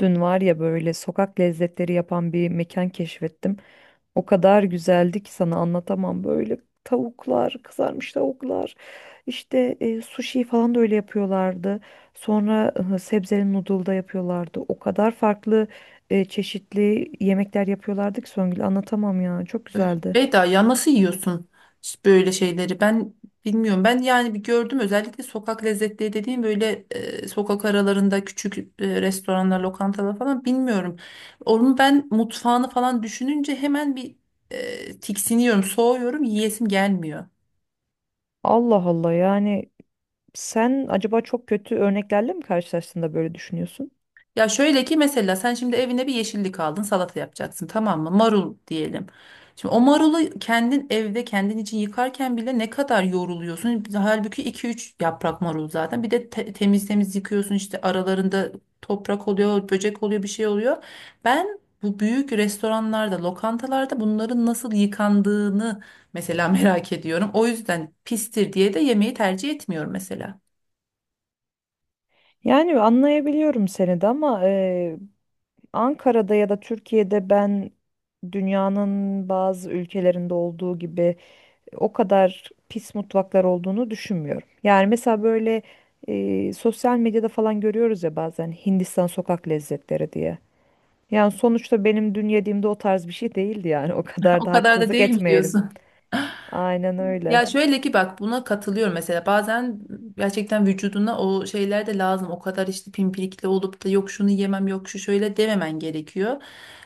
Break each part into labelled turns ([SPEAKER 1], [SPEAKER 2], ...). [SPEAKER 1] Dün var ya böyle sokak lezzetleri yapan bir mekan keşfettim. O kadar güzeldi ki sana anlatamam. Böyle tavuklar, kızarmış tavuklar, işte sushi falan da öyle yapıyorlardı. Sonra sebzeli noodle da yapıyorlardı. O kadar farklı çeşitli yemekler yapıyorlardı ki Songül, anlatamam ya. Çok güzeldi.
[SPEAKER 2] Beyda ya nasıl yiyorsun böyle şeyleri? Ben bilmiyorum. Ben yani bir gördüm özellikle sokak lezzetleri dediğim böyle sokak aralarında küçük restoranlar, lokantalar falan bilmiyorum. Onun ben mutfağını falan düşününce hemen bir tiksiniyorum, soğuyorum, yiyesim gelmiyor.
[SPEAKER 1] Allah Allah, yani sen acaba çok kötü örneklerle mi karşılaştığında böyle düşünüyorsun?
[SPEAKER 2] Ya şöyle ki mesela sen şimdi evine bir yeşillik aldın salata yapacaksın tamam mı? Marul diyelim. Şimdi o marulu kendin evde kendin için yıkarken bile ne kadar yoruluyorsun. Halbuki iki üç yaprak marul zaten. Bir de temiz temiz yıkıyorsun işte aralarında toprak oluyor, böcek oluyor, bir şey oluyor. Ben bu büyük restoranlarda, lokantalarda bunların nasıl yıkandığını mesela merak ediyorum. O yüzden pistir diye de yemeği tercih etmiyorum mesela.
[SPEAKER 1] Yani anlayabiliyorum seni de, ama Ankara'da ya da Türkiye'de ben dünyanın bazı ülkelerinde olduğu gibi o kadar pis mutfaklar olduğunu düşünmüyorum. Yani mesela böyle sosyal medyada falan görüyoruz ya bazen, Hindistan sokak lezzetleri diye. Yani sonuçta benim dün yediğimde o tarz bir şey değildi yani o kadar
[SPEAKER 2] O
[SPEAKER 1] da
[SPEAKER 2] kadar da
[SPEAKER 1] haksızlık
[SPEAKER 2] değil mi
[SPEAKER 1] etmeyelim.
[SPEAKER 2] diyorsun?
[SPEAKER 1] Aynen öyle.
[SPEAKER 2] Ya şöyle ki bak buna katılıyorum mesela bazen gerçekten vücuduna o şeyler de lazım o kadar işte pimpirikli olup da yok şunu yemem yok şu şöyle dememen gerekiyor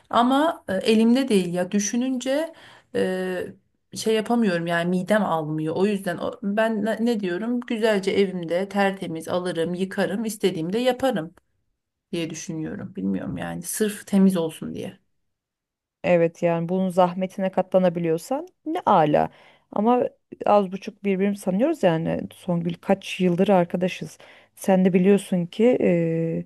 [SPEAKER 2] ama elimde değil ya düşününce e, şey yapamıyorum yani midem almıyor o yüzden ben ne diyorum güzelce evimde tertemiz alırım yıkarım istediğimde yaparım diye düşünüyorum. Bilmiyorum yani sırf temiz olsun diye.
[SPEAKER 1] Evet, yani bunun zahmetine katlanabiliyorsan ne ala. Ama az buçuk birbirimizi sanıyoruz yani Songül, kaç yıldır arkadaşız. Sen de biliyorsun ki e,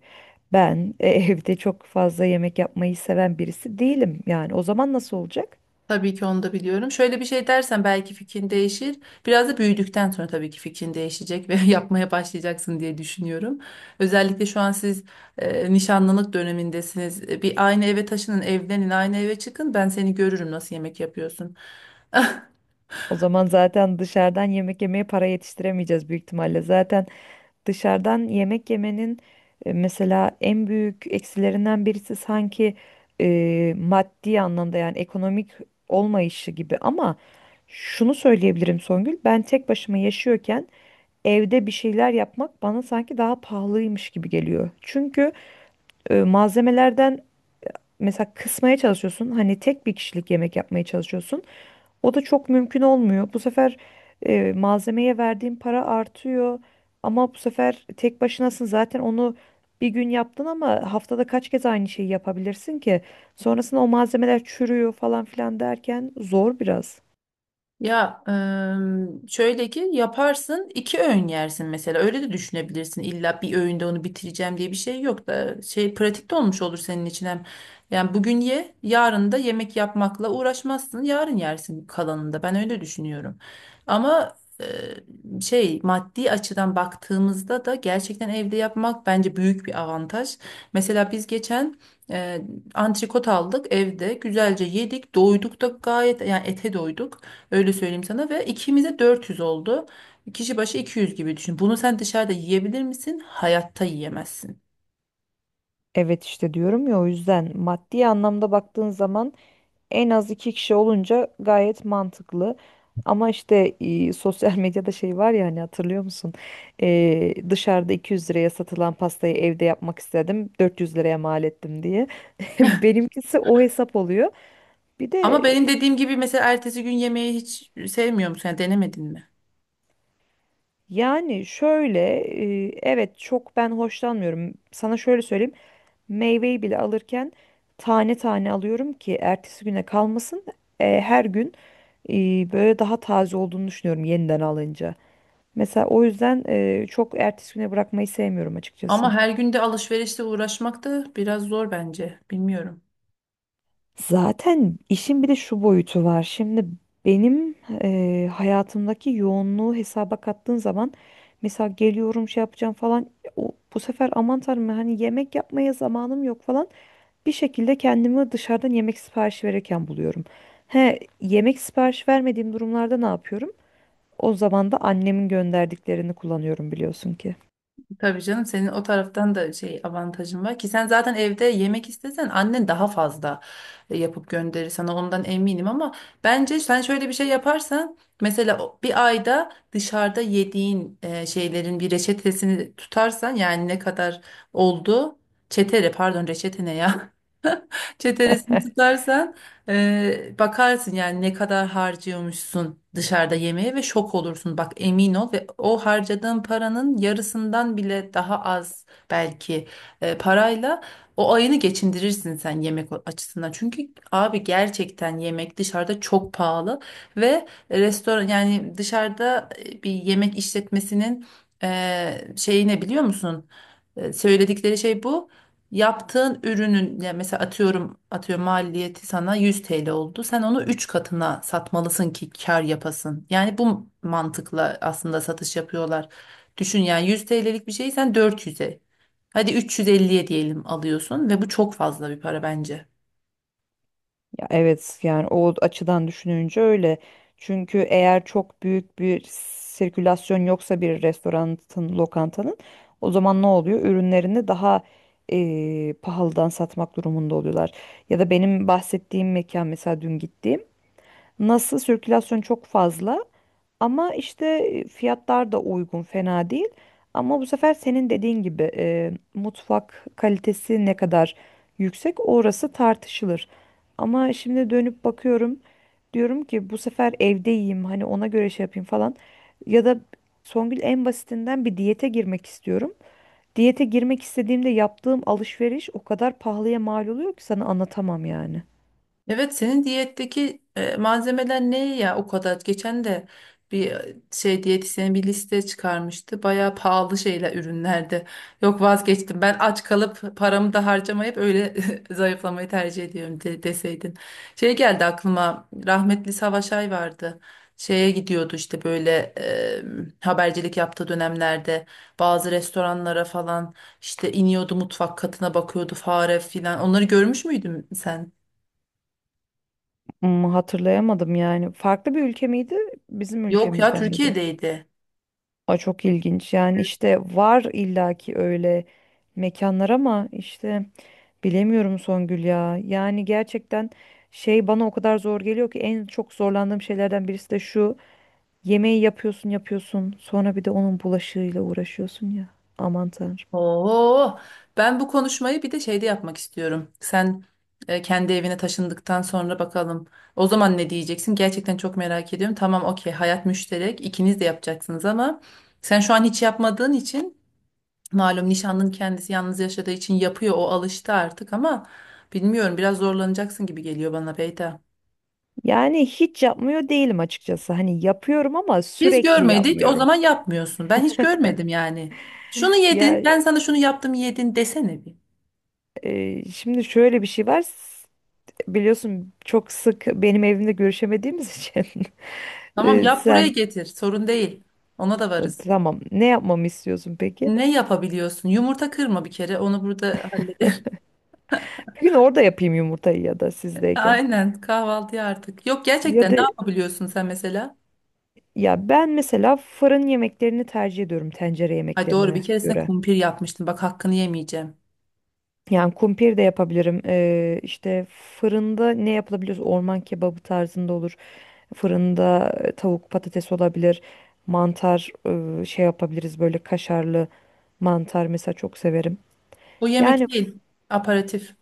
[SPEAKER 1] ben e, evde çok fazla yemek yapmayı seven birisi değilim. Yani o zaman nasıl olacak?
[SPEAKER 2] Tabii ki onu da biliyorum. Şöyle bir şey dersen belki fikrin değişir. Biraz da büyüdükten sonra tabii ki fikrin değişecek ve yapmaya başlayacaksın diye düşünüyorum. Özellikle şu an siz nişanlılık dönemindesiniz. Bir aynı eve taşının, evlenin, aynı eve çıkın. Ben seni görürüm nasıl yemek yapıyorsun.
[SPEAKER 1] O zaman zaten dışarıdan yemek yemeye para yetiştiremeyeceğiz büyük ihtimalle. Zaten dışarıdan yemek yemenin mesela en büyük eksilerinden birisi sanki maddi anlamda, yani ekonomik olmayışı gibi, ama şunu söyleyebilirim Songül, ben tek başıma yaşıyorken evde bir şeyler yapmak bana sanki daha pahalıymış gibi geliyor. Çünkü malzemelerden mesela kısmaya çalışıyorsun, hani tek bir kişilik yemek yapmaya çalışıyorsun. O da çok mümkün olmuyor. Bu sefer malzemeye verdiğin para artıyor, ama bu sefer tek başınasın, zaten onu bir gün yaptın ama haftada kaç kez aynı şeyi yapabilirsin ki? Sonrasında o malzemeler çürüyor falan filan derken zor biraz.
[SPEAKER 2] Ya şöyle ki yaparsın iki öğün yersin mesela öyle de düşünebilirsin illa bir öğünde onu bitireceğim diye bir şey yok da şey pratikte olmuş olur senin için hem yani bugün ye yarın da yemek yapmakla uğraşmazsın yarın yersin kalanında ben öyle düşünüyorum ama şey maddi açıdan baktığımızda da gerçekten evde yapmak bence büyük bir avantaj mesela biz geçen eee antrikot aldık evde güzelce yedik doyduk da gayet yani ete doyduk. Öyle söyleyeyim sana ve ikimize 400 oldu. Kişi başı 200 gibi düşün. Bunu sen dışarıda yiyebilir misin? Hayatta yiyemezsin.
[SPEAKER 1] Evet işte diyorum ya, o yüzden maddi anlamda baktığın zaman en az iki kişi olunca gayet mantıklı. Ama işte sosyal medyada şey var ya, hani hatırlıyor musun? Dışarıda 200 liraya satılan pastayı evde yapmak istedim, 400 liraya mal ettim diye. Benimkisi o hesap oluyor. Bir de
[SPEAKER 2] Ama benim dediğim gibi mesela ertesi gün yemeği hiç sevmiyor musun? Yani denemedin mi?
[SPEAKER 1] yani şöyle, evet, çok ben hoşlanmıyorum. Sana şöyle söyleyeyim. Meyveyi bile alırken tane tane alıyorum ki ertesi güne kalmasın. Her gün e, böyle daha taze olduğunu düşünüyorum yeniden alınca. Mesela o yüzden çok ertesi güne bırakmayı sevmiyorum açıkçası.
[SPEAKER 2] Ama her gün de alışverişle uğraşmak da biraz zor bence. Bilmiyorum.
[SPEAKER 1] Zaten işin bir de şu boyutu var. Şimdi benim hayatımdaki yoğunluğu hesaba kattığın zaman, mesela geliyorum şey yapacağım falan, o, bu sefer aman tanrım hani yemek yapmaya zamanım yok falan, bir şekilde kendimi dışarıdan yemek siparişi verirken buluyorum. He, yemek sipariş vermediğim durumlarda ne yapıyorum? O zaman da annemin gönderdiklerini kullanıyorum, biliyorsun ki.
[SPEAKER 2] Tabii canım senin o taraftan da şey avantajın var ki sen zaten evde yemek istesen annen daha fazla yapıp gönderir sana ondan eminim ama bence sen şöyle bir şey yaparsan mesela bir ayda dışarıda yediğin şeylerin bir reçetesini tutarsan yani ne kadar oldu çetere pardon reçete ne ya çeteresini tutarsan bakarsın yani ne kadar harcıyormuşsun dışarıda yemeğe ve şok olursun. Bak emin ol ve o harcadığın paranın yarısından bile daha az belki parayla o ayını geçindirirsin sen yemek açısından. Çünkü abi gerçekten yemek dışarıda çok pahalı ve restoran yani dışarıda bir yemek işletmesinin şeyi ne biliyor musun? Söyledikleri şey bu. Yaptığın ürünün ya mesela atıyorum maliyeti sana 100 TL oldu. Sen onu 3 katına satmalısın ki kar yapasın. Yani bu mantıkla aslında satış yapıyorlar. Düşün yani 100 TL'lik bir şeyi sen 400'e hadi 350'ye diyelim alıyorsun ve bu çok fazla bir para bence.
[SPEAKER 1] Ya evet, yani o açıdan düşününce öyle. Çünkü eğer çok büyük bir sirkülasyon yoksa bir restoranın, lokantanın, o zaman ne oluyor? Ürünlerini daha pahalıdan satmak durumunda oluyorlar. Ya da benim bahsettiğim mekan, mesela dün gittiğim, nasıl sirkülasyon çok fazla ama işte fiyatlar da uygun, fena değil. Ama bu sefer senin dediğin gibi mutfak kalitesi ne kadar yüksek orası tartışılır. Ama şimdi dönüp bakıyorum, diyorum ki bu sefer evde yiyeyim, hani ona göre şey yapayım falan. Ya da Songül, en basitinden bir diyete girmek istiyorum. Diyete girmek istediğimde yaptığım alışveriş o kadar pahalıya mal oluyor ki sana anlatamam yani.
[SPEAKER 2] Evet senin diyetteki malzemeler ne ya o kadar? Geçen de bir şey diyetisyen bir liste çıkarmıştı. Bayağı pahalı şeyler ürünlerdi. Yok vazgeçtim. Ben aç kalıp paramı da harcamayıp öyle zayıflamayı tercih ediyorum deseydin. Şey geldi aklıma. Rahmetli Savaş Ay vardı. Şeye gidiyordu işte böyle e, habercilik yaptığı dönemlerde bazı restoranlara falan işte iniyordu mutfak katına bakıyordu fare filan. Onları görmüş müydün sen?
[SPEAKER 1] Hmm, hatırlayamadım yani. Farklı bir ülke miydi? Bizim
[SPEAKER 2] Yok ya
[SPEAKER 1] ülkemizde miydi?
[SPEAKER 2] Türkiye'deydi.
[SPEAKER 1] Aa, çok ilginç yani, işte var illaki öyle mekanlar, ama işte bilemiyorum Songül ya. Yani gerçekten şey bana o kadar zor geliyor ki, en çok zorlandığım şeylerden birisi de şu: yemeği yapıyorsun yapıyorsun, sonra bir de onun bulaşığıyla uğraşıyorsun ya, aman tanrım.
[SPEAKER 2] Oo, ben bu konuşmayı bir de şeyde yapmak istiyorum. Sen kendi evine taşındıktan sonra bakalım. O zaman ne diyeceksin? Gerçekten çok merak ediyorum. Tamam, okey. Hayat müşterek. İkiniz de yapacaksınız ama sen şu an hiç yapmadığın için malum nişanlının kendisi yalnız yaşadığı için yapıyor. O alıştı artık ama bilmiyorum biraz zorlanacaksın gibi geliyor bana Beyda.
[SPEAKER 1] Yani hiç yapmıyor değilim açıkçası, hani yapıyorum ama
[SPEAKER 2] Biz
[SPEAKER 1] sürekli
[SPEAKER 2] görmedik, o
[SPEAKER 1] yapmıyorum.
[SPEAKER 2] zaman yapmıyorsun. Ben hiç görmedim yani. Şunu
[SPEAKER 1] Ya
[SPEAKER 2] yedin, ben sana şunu yaptım yedin desene bir.
[SPEAKER 1] şimdi şöyle bir şey var, biliyorsun çok sık benim evimde görüşemediğimiz için.
[SPEAKER 2] Tamam yap buraya
[SPEAKER 1] Sen
[SPEAKER 2] getir. Sorun değil. Ona da varız.
[SPEAKER 1] Tamam. Ne yapmamı istiyorsun peki?
[SPEAKER 2] Ne yapabiliyorsun? Yumurta kırma bir kere. Onu burada hallederim.
[SPEAKER 1] Bir gün orada yapayım yumurtayı ya da sizdeyken.
[SPEAKER 2] Aynen kahvaltıya artık. Yok
[SPEAKER 1] Ya
[SPEAKER 2] gerçekten ne
[SPEAKER 1] da
[SPEAKER 2] yapabiliyorsun sen mesela?
[SPEAKER 1] ya, ben mesela fırın yemeklerini tercih ediyorum tencere
[SPEAKER 2] Ay doğru bir
[SPEAKER 1] yemeklerine
[SPEAKER 2] keresinde
[SPEAKER 1] göre.
[SPEAKER 2] kumpir yapmıştım. Bak hakkını yemeyeceğim.
[SPEAKER 1] Yani kumpir de yapabilirim. İşte fırında ne yapılabilir? Orman kebabı tarzında olur. Fırında tavuk patates olabilir. Mantar, şey yapabiliriz, böyle kaşarlı mantar mesela, çok severim.
[SPEAKER 2] Bu yemek
[SPEAKER 1] Yani f-
[SPEAKER 2] değil. Aparatif.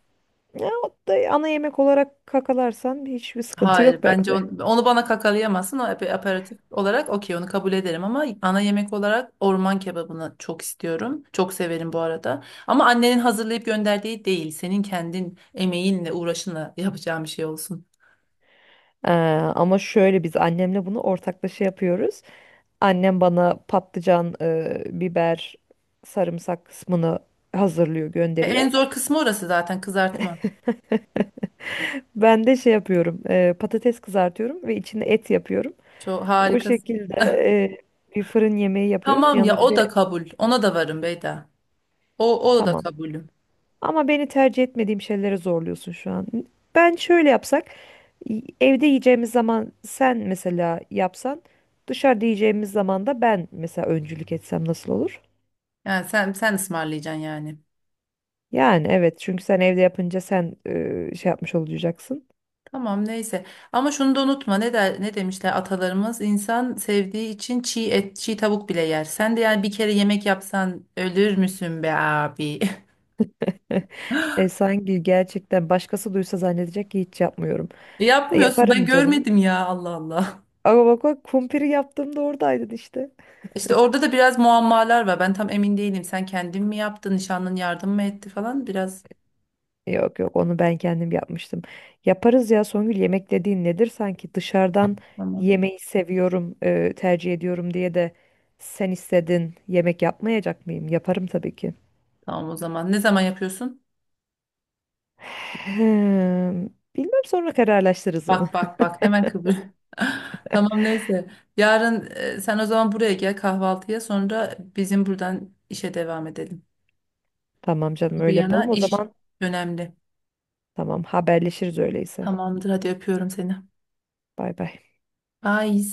[SPEAKER 1] ya, o da ana yemek olarak kakalarsan hiçbir sıkıntı
[SPEAKER 2] Hayır
[SPEAKER 1] yok
[SPEAKER 2] bence
[SPEAKER 1] bence.
[SPEAKER 2] onu, bana kakalayamazsın. O aperatif olarak okey onu kabul ederim ama ana yemek olarak orman kebabını çok istiyorum. Çok severim bu arada. Ama annenin hazırlayıp gönderdiği değil. Senin kendin emeğinle uğraşınla yapacağın bir şey olsun.
[SPEAKER 1] Ee, Ama şöyle, biz annemle bunu ortaklaşa yapıyoruz. Annem bana patlıcan, biber, sarımsak kısmını hazırlıyor,
[SPEAKER 2] En
[SPEAKER 1] gönderiyor.
[SPEAKER 2] zor kısmı orası zaten kızartma.
[SPEAKER 1] Ben de şey yapıyorum, patates kızartıyorum ve içine et yapıyorum.
[SPEAKER 2] Çok
[SPEAKER 1] O
[SPEAKER 2] harikasın.
[SPEAKER 1] şekilde bir fırın yemeği yapıyoruz.
[SPEAKER 2] Tamam ya
[SPEAKER 1] Yanına bir
[SPEAKER 2] o da
[SPEAKER 1] de
[SPEAKER 2] kabul. Ona da varım Beyda. O, o da
[SPEAKER 1] tamam.
[SPEAKER 2] kabulüm.
[SPEAKER 1] Ama beni tercih etmediğim şeylere zorluyorsun şu an. Ben şöyle yapsak, evde yiyeceğimiz zaman sen mesela yapsan, dışarıda yiyeceğimiz zaman da ben mesela öncülük etsem nasıl olur?
[SPEAKER 2] Yani sen ısmarlayacaksın yani.
[SPEAKER 1] Yani evet, çünkü sen evde yapınca sen şey yapmış olacaksın.
[SPEAKER 2] Tamam neyse. Ama şunu da unutma. Ne der, ne demişler atalarımız? İnsan sevdiği için çiğ et, çiğ tavuk bile yer. Sen de yani bir kere yemek yapsan ölür müsün be abi?
[SPEAKER 1] Sanki gerçekten başkası duysa zannedecek ki hiç yapmıyorum.
[SPEAKER 2] Yapmıyorsun. Ben
[SPEAKER 1] Yaparım canım.
[SPEAKER 2] görmedim ya Allah Allah.
[SPEAKER 1] Ama bak bak, kumpiri yaptığımda oradaydın işte.
[SPEAKER 2] İşte orada da biraz muammalar var. Ben tam emin değilim. Sen kendin mi yaptın? Nişanlın yardım mı etti falan? Biraz
[SPEAKER 1] Yok yok, onu ben kendim yapmıştım. Yaparız ya Songül, yemek dediğin nedir sanki? Dışarıdan
[SPEAKER 2] tamam.
[SPEAKER 1] yemeği seviyorum, tercih ediyorum diye de, sen istedin yemek yapmayacak mıyım? Yaparım tabii ki.
[SPEAKER 2] Tamam o zaman. Ne zaman yapıyorsun?
[SPEAKER 1] Hmm, bilmem, sonra kararlaştırırız onu.
[SPEAKER 2] Bak bak bak hemen kıvır. Tamam neyse. Yarın sen o zaman buraya gel kahvaltıya sonra bizim buradan işe devam edelim.
[SPEAKER 1] Tamam canım,
[SPEAKER 2] Bir
[SPEAKER 1] öyle
[SPEAKER 2] yana
[SPEAKER 1] yapalım. O
[SPEAKER 2] iş
[SPEAKER 1] zaman
[SPEAKER 2] önemli.
[SPEAKER 1] tamam, haberleşiriz öyleyse.
[SPEAKER 2] Tamamdır hadi öpüyorum seni.
[SPEAKER 1] Bay bay.
[SPEAKER 2] Bye.